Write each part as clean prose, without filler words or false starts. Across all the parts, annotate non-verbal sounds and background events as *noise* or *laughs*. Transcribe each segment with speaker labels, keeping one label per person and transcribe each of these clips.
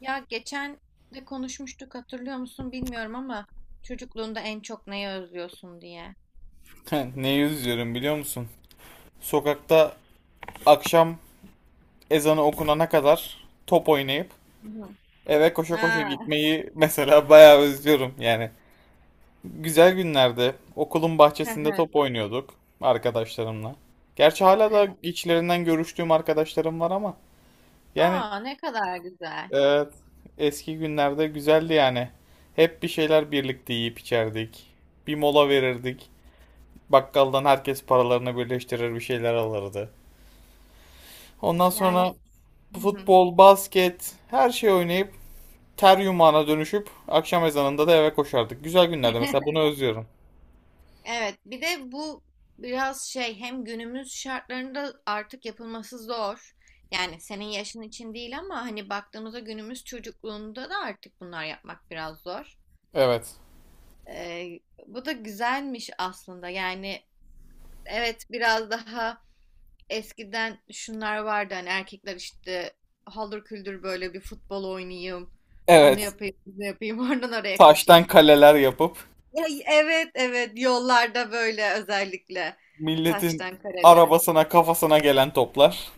Speaker 1: Ya geçen de konuşmuştuk hatırlıyor musun bilmiyorum ama çocukluğunda en çok neyi özlüyorsun diye.
Speaker 2: *laughs* Neyi üzüyorum biliyor musun? Sokakta akşam ezanı okunana kadar top oynayıp
Speaker 1: Hı hı.
Speaker 2: eve koşa koşa
Speaker 1: Aa.
Speaker 2: gitmeyi *laughs* mesela bayağı özlüyorum yani. Güzel günlerde okulun bahçesinde top
Speaker 1: *laughs*
Speaker 2: oynuyorduk arkadaşlarımla. Gerçi hala da içlerinden görüştüğüm arkadaşlarım var ama yani
Speaker 1: Aa, ne kadar güzel.
Speaker 2: evet, eski günlerde güzeldi yani. Hep bir şeyler birlikte yiyip içerdik. Bir mola verirdik. Bakkaldan herkes paralarını birleştirir bir şeyler alırdı. Ondan
Speaker 1: Yani.
Speaker 2: sonra
Speaker 1: Hı hı.
Speaker 2: futbol, basket, her şey oynayıp ter yumağına dönüşüp akşam ezanında da eve koşardık. Güzel günlerde mesela bunu
Speaker 1: *laughs*
Speaker 2: özlüyorum.
Speaker 1: Evet, bir de bu biraz hem günümüz şartlarında artık yapılması zor. Yani senin yaşın için değil ama hani baktığımızda günümüz çocukluğunda da artık bunlar yapmak biraz zor.
Speaker 2: Evet.
Speaker 1: Ee, Bu da güzelmiş aslında. Yani evet, biraz daha. Eskiden şunlar vardı, hani erkekler işte haldır küldür böyle bir futbol oynayayım. Onu
Speaker 2: Evet.
Speaker 1: yapayım, bunu yapayım, *laughs* oradan oraya
Speaker 2: Taştan
Speaker 1: koşayım.
Speaker 2: kaleler yapıp
Speaker 1: Ya, evet evet, yollarda böyle özellikle
Speaker 2: milletin
Speaker 1: taştan kareler.
Speaker 2: arabasına kafasına gelen toplar.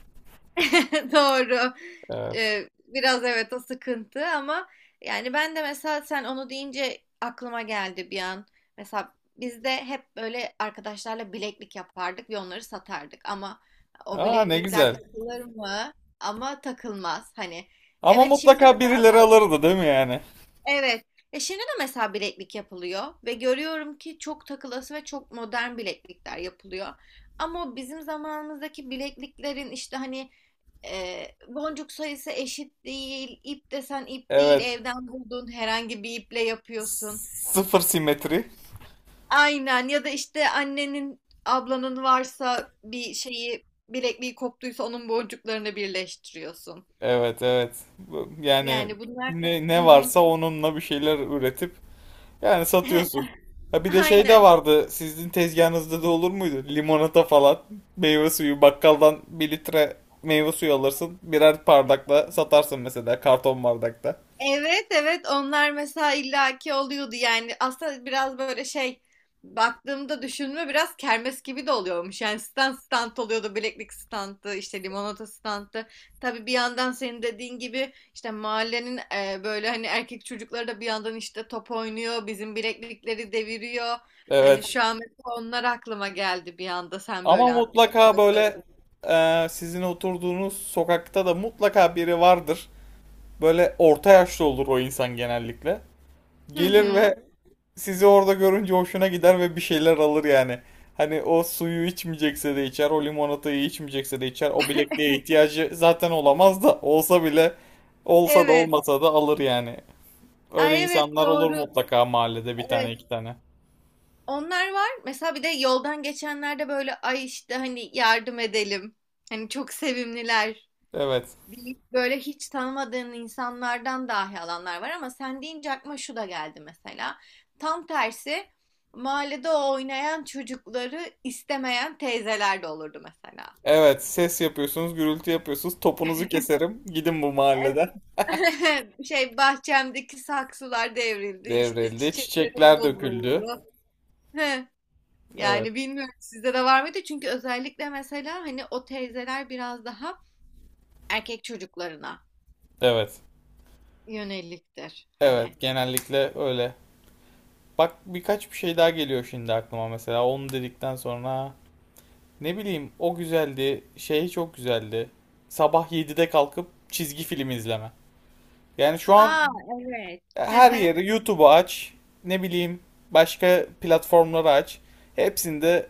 Speaker 1: *laughs* Doğru.
Speaker 2: Evet.
Speaker 1: Biraz evet, o sıkıntı ama yani ben de mesela sen onu deyince aklıma geldi bir an. Mesela biz de hep böyle arkadaşlarla bileklik yapardık ve onları satardık. Ama o
Speaker 2: Aa, ne
Speaker 1: bileklikler
Speaker 2: güzel.
Speaker 1: takılır mı? Ama takılmaz. Hani
Speaker 2: Ama
Speaker 1: evet, şimdi de
Speaker 2: mutlaka
Speaker 1: mesela.
Speaker 2: birileri alırdı değil mi yani?
Speaker 1: Evet. E, şimdi de mesela bileklik yapılıyor ve görüyorum ki çok takılası ve çok modern bileklikler yapılıyor. Ama bizim zamanımızdaki bilekliklerin işte hani boncuk sayısı eşit değil, ip desen ip değil,
Speaker 2: Evet.
Speaker 1: evden bulduğun herhangi bir iple yapıyorsun.
Speaker 2: Sıfır simetri.
Speaker 1: Aynen, ya da işte annenin, ablanın varsa bir şeyi bilekliği koptuysa onun boncuklarını birleştiriyorsun.
Speaker 2: Evet, evet. Yani
Speaker 1: Yani bunlar da...
Speaker 2: ne varsa onunla bir şeyler üretip yani satıyorsun.
Speaker 1: *laughs*
Speaker 2: Ha, bir de şey de
Speaker 1: Aynen.
Speaker 2: vardı. Sizin tezgahınızda da olur muydu? Limonata falan. Meyve suyu. Bakkaldan bir litre meyve suyu alırsın. Birer bardakla satarsın mesela. Karton bardakta.
Speaker 1: Evet evet, onlar mesela illaki oluyordu yani. Aslında biraz böyle baktığımda düşünme biraz kermes gibi de oluyormuş yani, stand stand oluyordu, bileklik standı işte, limonata standı. Tabii bir yandan senin dediğin gibi işte mahallenin böyle hani erkek çocukları da bir yandan işte top oynuyor, bizim bileklikleri deviriyor. Hani
Speaker 2: Evet.
Speaker 1: şu an mesela onlar aklıma geldi bir anda sen
Speaker 2: Ama
Speaker 1: böyle onu
Speaker 2: mutlaka
Speaker 1: da
Speaker 2: böyle
Speaker 1: söyledin.
Speaker 2: sizin oturduğunuz sokakta da mutlaka biri vardır. Böyle orta yaşlı olur o insan genellikle.
Speaker 1: Hı
Speaker 2: Gelir
Speaker 1: hı.
Speaker 2: ve sizi orada görünce hoşuna gider ve bir şeyler alır yani. Hani o suyu içmeyecekse de içer, o limonatayı içmeyecekse de içer. O bilekliğe ihtiyacı zaten olamaz, da olsa bile olsa da
Speaker 1: Evet.
Speaker 2: olmasa da alır yani. Öyle
Speaker 1: Ay evet,
Speaker 2: insanlar olur
Speaker 1: doğru.
Speaker 2: mutlaka mahallede, bir tane
Speaker 1: Evet.
Speaker 2: iki tane.
Speaker 1: Onlar var. Mesela bir de yoldan geçenlerde böyle ay işte hani yardım edelim. Hani çok sevimliler,
Speaker 2: Evet.
Speaker 1: deyip böyle hiç tanımadığın insanlardan dahi alanlar var ama sen deyince aklıma şu da geldi mesela. Tam tersi, mahallede oynayan çocukları istemeyen teyzeler de olurdu mesela.
Speaker 2: Evet, ses yapıyorsunuz, gürültü yapıyorsunuz. Topunuzu keserim. Gidin bu
Speaker 1: Evet.
Speaker 2: mahalleden.
Speaker 1: *laughs* Şey, bahçemdeki saksılar devrildi işte,
Speaker 2: Devrildi,
Speaker 1: çiçeklerim
Speaker 2: çiçekler döküldü.
Speaker 1: bozuldu. *laughs*
Speaker 2: Evet.
Speaker 1: Yani bilmiyorum, sizde de var mıydı? Çünkü özellikle mesela hani o teyzeler biraz daha erkek çocuklarına
Speaker 2: Evet.
Speaker 1: yöneliktir hani.
Speaker 2: Evet, genellikle öyle. Bak birkaç bir şey daha geliyor şimdi aklıma, mesela onu dedikten sonra. Ne bileyim, o güzeldi, şey çok güzeldi sabah 7'de kalkıp çizgi film izleme. Yani şu an
Speaker 1: Aa evet. Hı
Speaker 2: her
Speaker 1: hı.
Speaker 2: yeri, YouTube'u aç, ne bileyim başka platformları aç, hepsinde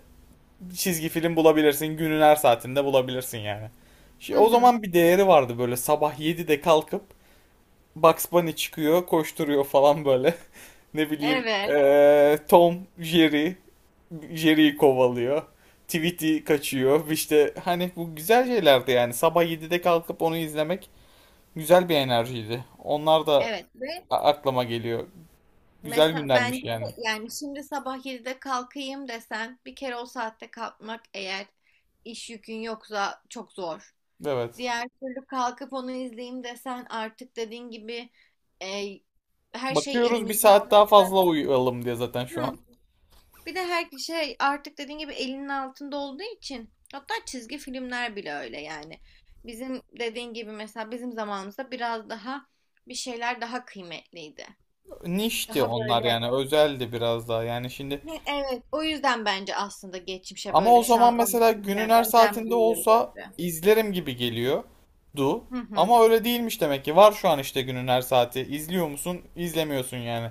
Speaker 2: çizgi film bulabilirsin, günün her saatinde bulabilirsin yani.
Speaker 1: Hı
Speaker 2: Şey, o
Speaker 1: hı.
Speaker 2: zaman bir değeri vardı, böyle sabah 7'de kalkıp Bugs Bunny çıkıyor, koşturuyor falan böyle. *laughs* Ne bileyim
Speaker 1: Evet.
Speaker 2: Tom Jerry, Jerry'i kovalıyor. Tweety kaçıyor. İşte hani bu güzel şeylerdi yani. Sabah 7'de kalkıp onu izlemek güzel bir enerjiydi. Onlar da
Speaker 1: Evet. Ve
Speaker 2: aklıma geliyor. Güzel
Speaker 1: mesela bence
Speaker 2: günlermiş
Speaker 1: de
Speaker 2: yani.
Speaker 1: yani şimdi sabah 7'de kalkayım desen bir kere o saatte kalkmak, eğer iş yükün yoksa, çok zor.
Speaker 2: Evet.
Speaker 1: Diğer türlü kalkıp onu izleyeyim desen artık dediğin gibi, e, her şey
Speaker 2: Bakıyoruz, bir
Speaker 1: elimizin
Speaker 2: saat daha
Speaker 1: altında.
Speaker 2: fazla uyuyalım diye zaten şu an.
Speaker 1: Hı. Bir de her şey artık dediğin gibi elinin altında olduğu için, hatta çizgi filmler bile öyle yani. Bizim dediğin gibi mesela bizim zamanımızda biraz daha bir şeyler daha kıymetliydi.
Speaker 2: Nişti
Speaker 1: Daha
Speaker 2: onlar
Speaker 1: böyle.
Speaker 2: yani, özeldi biraz daha yani şimdi.
Speaker 1: He, evet, o yüzden bence aslında geçmişe
Speaker 2: Ama
Speaker 1: böyle
Speaker 2: o
Speaker 1: şu
Speaker 2: zaman
Speaker 1: an
Speaker 2: mesela günün
Speaker 1: anlatırken
Speaker 2: her
Speaker 1: özlem
Speaker 2: saatinde
Speaker 1: duyuyoruz
Speaker 2: olsa
Speaker 1: gibi.
Speaker 2: izlerim gibi geliyor. Du.
Speaker 1: Hı hı,
Speaker 2: Ama öyle değilmiş demek ki. Var şu an işte günün her saati. İzliyor musun? İzlemiyorsun yani.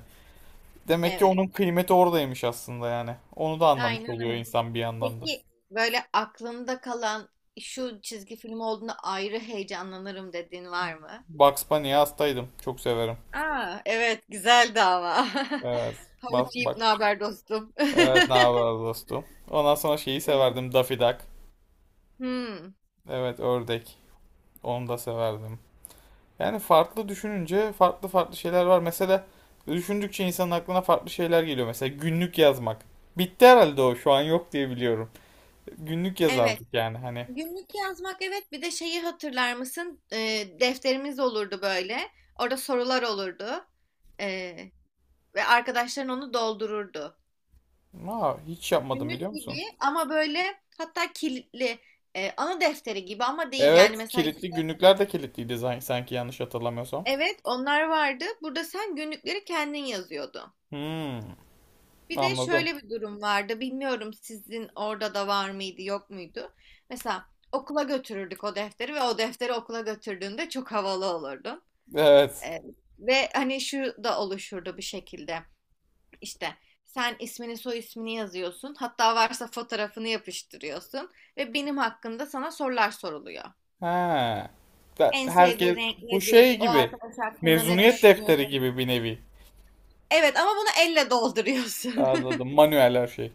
Speaker 2: Demek ki
Speaker 1: evet,
Speaker 2: onun kıymeti oradaymış aslında yani. Onu da anlamış
Speaker 1: aynen
Speaker 2: oluyor
Speaker 1: öyle.
Speaker 2: insan bir yandan da.
Speaker 1: Peki böyle aklında kalan şu çizgi film olduğunda ayrı heyecanlanırım dediğin var mı?
Speaker 2: Bugs Bunny'ye hastaydım. Çok severim.
Speaker 1: Aa, evet, güzeldi ama. *laughs*
Speaker 2: Evet. Bas,
Speaker 1: Havuç yiyip
Speaker 2: bak.
Speaker 1: ne haber dostum?
Speaker 2: Evet, ne
Speaker 1: *laughs*
Speaker 2: haber dostum? Ondan sonra şeyi severdim. Daffy Duck.
Speaker 1: Hmm,
Speaker 2: Evet, ördek. Onu da severdim. Yani farklı düşününce farklı farklı şeyler var. Mesela düşündükçe insanın aklına farklı şeyler geliyor. Mesela günlük yazmak. Bitti herhalde o. Şu an yok diye biliyorum. Günlük
Speaker 1: evet.
Speaker 2: yazardık yani hani.
Speaker 1: Günlük yazmak, evet, bir de şeyi hatırlar mısın? Defterimiz olurdu böyle. Orada sorular olurdu. Ee, Ve arkadaşların onu doldururdu.
Speaker 2: Aa, hiç yapmadım
Speaker 1: Günlük
Speaker 2: biliyor
Speaker 1: gibi
Speaker 2: musun?
Speaker 1: ama böyle, hatta kilitli. Anı defteri gibi ama değil.
Speaker 2: Evet,
Speaker 1: Yani mesela işte,
Speaker 2: kilitli günlükler de kilitliydi sanki, yanlış hatırlamıyorsam.
Speaker 1: evet, onlar vardı. Burada sen günlükleri kendin yazıyordun.
Speaker 2: Hmm,
Speaker 1: Bir de
Speaker 2: anladım.
Speaker 1: şöyle bir durum vardı. Bilmiyorum sizin orada da var mıydı, yok muydu? Mesela okula götürürdük o defteri ve o defteri okula götürdüğünde çok havalı olurdun.
Speaker 2: Evet.
Speaker 1: Ee, Ve hani şu da oluşurdu bir şekilde. İşte sen ismini, soy ismini yazıyorsun. Hatta varsa fotoğrafını yapıştırıyorsun ve benim hakkında sana sorular soruluyor.
Speaker 2: Ha.
Speaker 1: En sevdiği
Speaker 2: Herkes
Speaker 1: renk
Speaker 2: bu
Speaker 1: nedir?
Speaker 2: şey
Speaker 1: O
Speaker 2: gibi.
Speaker 1: arkadaş hakkında ne
Speaker 2: Mezuniyet defteri
Speaker 1: düşünüyorsun?
Speaker 2: gibi bir nevi.
Speaker 1: Evet, ama bunu elle dolduruyorsun.
Speaker 2: Anladım.
Speaker 1: *laughs*
Speaker 2: Manuel her şey.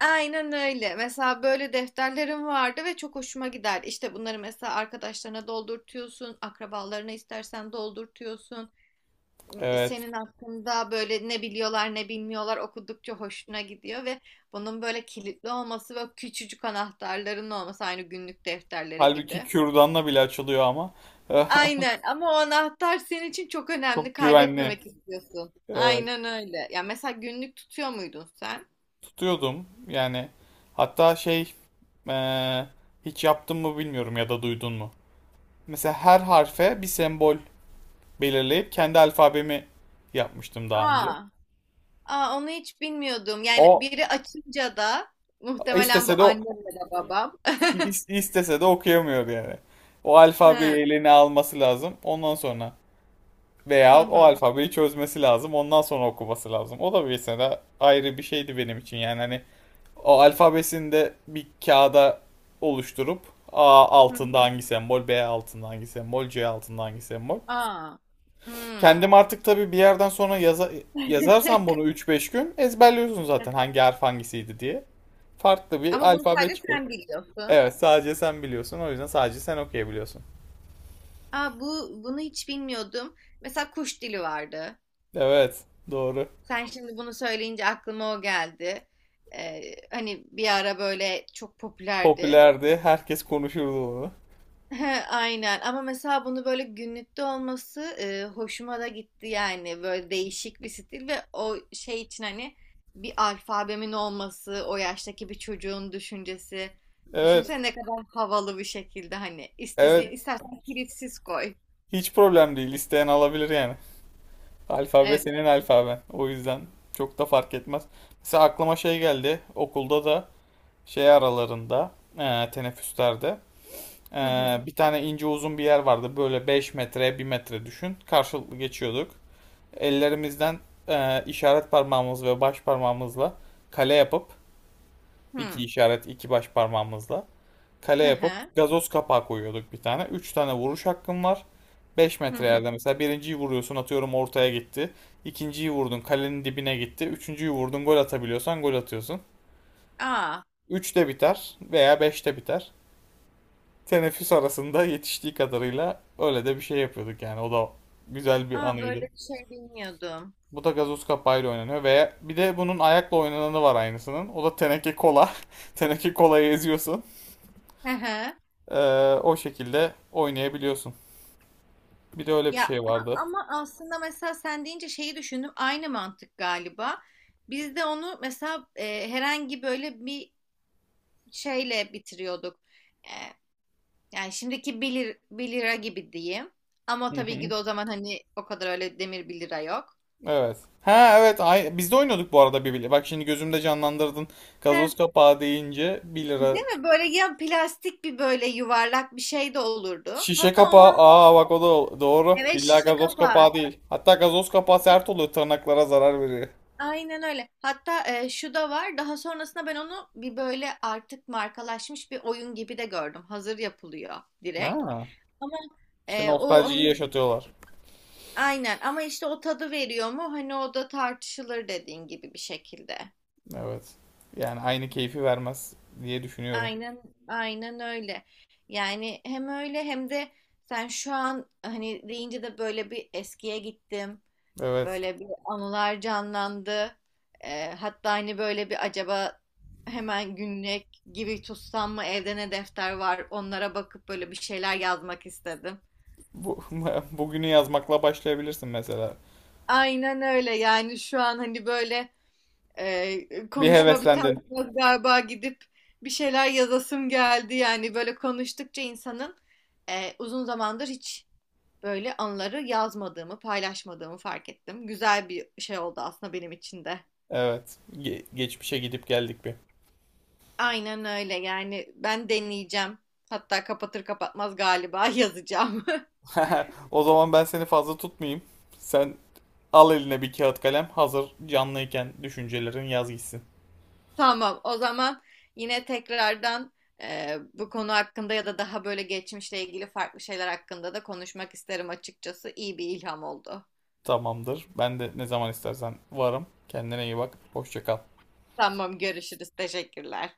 Speaker 1: Aynen öyle. Mesela böyle defterlerim vardı ve çok hoşuma gider. İşte bunları mesela arkadaşlarına doldurtuyorsun, akrabalarına istersen doldurtuyorsun.
Speaker 2: Evet.
Speaker 1: Senin hakkında böyle ne biliyorlar ne bilmiyorlar okudukça hoşuna gidiyor ve bunun böyle kilitli olması ve küçücük anahtarların olması aynı günlük defterleri
Speaker 2: Halbuki
Speaker 1: gibi.
Speaker 2: kürdanla bile açılıyor ama. *laughs*
Speaker 1: Aynen, ama o anahtar senin için çok önemli,
Speaker 2: Çok güvenli.
Speaker 1: kaybetmemek istiyorsun.
Speaker 2: Evet,
Speaker 1: Aynen öyle. Ya mesela günlük tutuyor muydun sen?
Speaker 2: tutuyordum. Yani hatta şey, eee, hiç yaptın mı bilmiyorum ya da duydun mu? Mesela her harfe bir sembol belirleyip kendi alfabemi yapmıştım daha önce.
Speaker 1: Aa. Aa, onu hiç bilmiyordum. Yani
Speaker 2: O
Speaker 1: biri açınca da muhtemelen bu
Speaker 2: istese de
Speaker 1: annemle de babam. *laughs*
Speaker 2: istese de okuyamıyordu yani. O alfabeyi
Speaker 1: Hı
Speaker 2: eline alması lazım. Ondan sonra,
Speaker 1: hı
Speaker 2: veya o
Speaker 1: hı.
Speaker 2: alfabeyi çözmesi lazım. Ondan sonra okuması lazım. O da bir mesela ayrı bir şeydi benim için. Yani hani o alfabesini de bir kağıda oluşturup A
Speaker 1: hı.
Speaker 2: altında hangi sembol, B altında hangi sembol, C altında hangi sembol.
Speaker 1: Aa. Hmm.
Speaker 2: Kendim artık tabii bir yerden sonra yazarsam bunu
Speaker 1: *laughs*
Speaker 2: üç beş gün ezberliyorsun zaten, hangi harf hangisiydi diye. Farklı bir
Speaker 1: Ama bunu
Speaker 2: alfabe
Speaker 1: sadece
Speaker 2: çıkar.
Speaker 1: sen biliyorsun.
Speaker 2: Evet, sadece sen biliyorsun. O yüzden sadece sen okuyabiliyorsun.
Speaker 1: Aa, bu bunu hiç bilmiyordum. Mesela kuş dili vardı.
Speaker 2: Evet, doğru.
Speaker 1: Sen şimdi bunu söyleyince aklıma o geldi. Ee, Hani bir ara böyle çok popülerdi.
Speaker 2: Popülerdi. Herkes konuşurdu bunu.
Speaker 1: He, aynen, ama mesela bunu böyle günlükte olması hoşuma da gitti yani, böyle değişik bir stil. Ve o şey için hani bir alfabemin olması, o yaştaki bir çocuğun düşüncesi,
Speaker 2: Evet,
Speaker 1: düşünsene ne kadar havalı bir şekilde, hani istediğin,
Speaker 2: evet.
Speaker 1: istersen kilitsiz koy.
Speaker 2: Hiç problem değil. İsteyen alabilir yani. Alfabe
Speaker 1: Evet.
Speaker 2: senin alfaben. O yüzden çok da fark etmez. Mesela aklıma şey geldi. Okulda da şey aralarında, teneffüslerde,
Speaker 1: Hı hı.
Speaker 2: Bir tane ince uzun bir yer vardı. Böyle 5 metre 1 metre düşün. Karşılıklı geçiyorduk. Ellerimizden işaret parmağımız ve baş parmağımızla kale yapıp,
Speaker 1: Hı
Speaker 2: iki
Speaker 1: hı.
Speaker 2: işaret iki baş parmağımızla kale
Speaker 1: Hı hı.
Speaker 2: yapıp gazoz kapağı koyuyorduk bir tane. 3 tane vuruş hakkım var. Beş
Speaker 1: Hı
Speaker 2: metre
Speaker 1: hı.
Speaker 2: yerde mesela birinciyi vuruyorsun, atıyorum ortaya gitti. İkinciyi vurdun, kalenin dibine gitti. Üçüncüyü vurdun, gol atabiliyorsan gol atıyorsun.
Speaker 1: Aa,
Speaker 2: 3'te biter veya 5'te biter. Teneffüs arasında yetiştiği kadarıyla öyle de bir şey yapıyorduk yani. O da güzel bir
Speaker 1: aa, böyle
Speaker 2: anıydı.
Speaker 1: bir şey bilmiyordum.
Speaker 2: Bu da gazoz kapağıyla oynanıyor ve bir de bunun ayakla oynananı var aynısının. O da teneke kola. *laughs* Teneke kolayı eziyorsun.
Speaker 1: Hı hı.
Speaker 2: O şekilde oynayabiliyorsun. Bir de öyle bir
Speaker 1: Ya
Speaker 2: şey vardı.
Speaker 1: ama aslında mesela sen deyince şeyi düşündüm. Aynı mantık galiba. Biz de onu mesela herhangi böyle bir şeyle bitiriyorduk. E, Yani şimdiki bir lira gibi diyeyim. Ama
Speaker 2: Hı
Speaker 1: tabii ki
Speaker 2: hı.
Speaker 1: de o zaman hani o kadar öyle demir 1 lira yok.
Speaker 2: Evet. Ha, evet, ay biz de oynuyorduk bu arada bir bile. Bak şimdi gözümde canlandırdın.
Speaker 1: He,
Speaker 2: Gazoz kapağı deyince 1 lira.
Speaker 1: değil mi? Böyle ya plastik bir böyle yuvarlak bir şey de olurdu.
Speaker 2: Şişe
Speaker 1: Hatta
Speaker 2: kapağı.
Speaker 1: ondan
Speaker 2: Aa bak, o da doğru.
Speaker 1: evet,
Speaker 2: Billahi
Speaker 1: şişe
Speaker 2: gazoz kapağı
Speaker 1: kapağı.
Speaker 2: değil. Hatta gazoz kapağı sert oluyor, tırnaklara zarar veriyor.
Speaker 1: Aynen öyle. Hatta şu da var. Daha sonrasında ben onu bir böyle artık markalaşmış bir oyun gibi de gördüm. Hazır yapılıyor direkt.
Speaker 2: Ha.
Speaker 1: Ama
Speaker 2: İşte
Speaker 1: o
Speaker 2: nostaljiyi
Speaker 1: hani
Speaker 2: yaşatıyorlar.
Speaker 1: aynen, ama işte o tadı veriyor mu? Hani o da tartışılır dediğin gibi bir şekilde.
Speaker 2: Evet. Yani aynı keyfi vermez diye düşünüyorum.
Speaker 1: Aynen, aynen öyle. Yani hem öyle hem de sen şu an hani deyince de böyle bir eskiye gittim.
Speaker 2: Evet.
Speaker 1: Böyle bir anılar canlandı. Hatta hani böyle bir acaba hemen günlük gibi tutsam mı, evde ne defter var onlara bakıp böyle bir şeyler yazmak istedim.
Speaker 2: Bu, *laughs* bugünü yazmakla başlayabilirsin mesela.
Speaker 1: Aynen öyle, yani şu an hani böyle,
Speaker 2: Bir
Speaker 1: konuşma
Speaker 2: heveslendin.
Speaker 1: bitermez galiba, gidip bir şeyler yazasım geldi. Yani böyle konuştukça insanın, uzun zamandır hiç böyle anıları yazmadığımı, paylaşmadığımı fark ettim. Güzel bir şey oldu aslında benim için de.
Speaker 2: Evet. Geçmişe gidip geldik bir.
Speaker 1: Aynen öyle, yani ben deneyeceğim. Hatta kapatır kapatmaz galiba *laughs* yazacağım.
Speaker 2: *laughs* O zaman ben seni fazla tutmayayım. Sen al eline bir kağıt kalem. Hazır canlıyken düşüncelerin yaz gitsin.
Speaker 1: *laughs* Tamam, o zaman yine tekrardan, bu konu hakkında ya da daha böyle geçmişle ilgili farklı şeyler hakkında da konuşmak isterim açıkçası. İyi bir ilham oldu.
Speaker 2: Tamamdır. Ben de ne zaman istersen varım. Kendine iyi bak. Hoşça kal.
Speaker 1: Tamam, görüşürüz. Teşekkürler.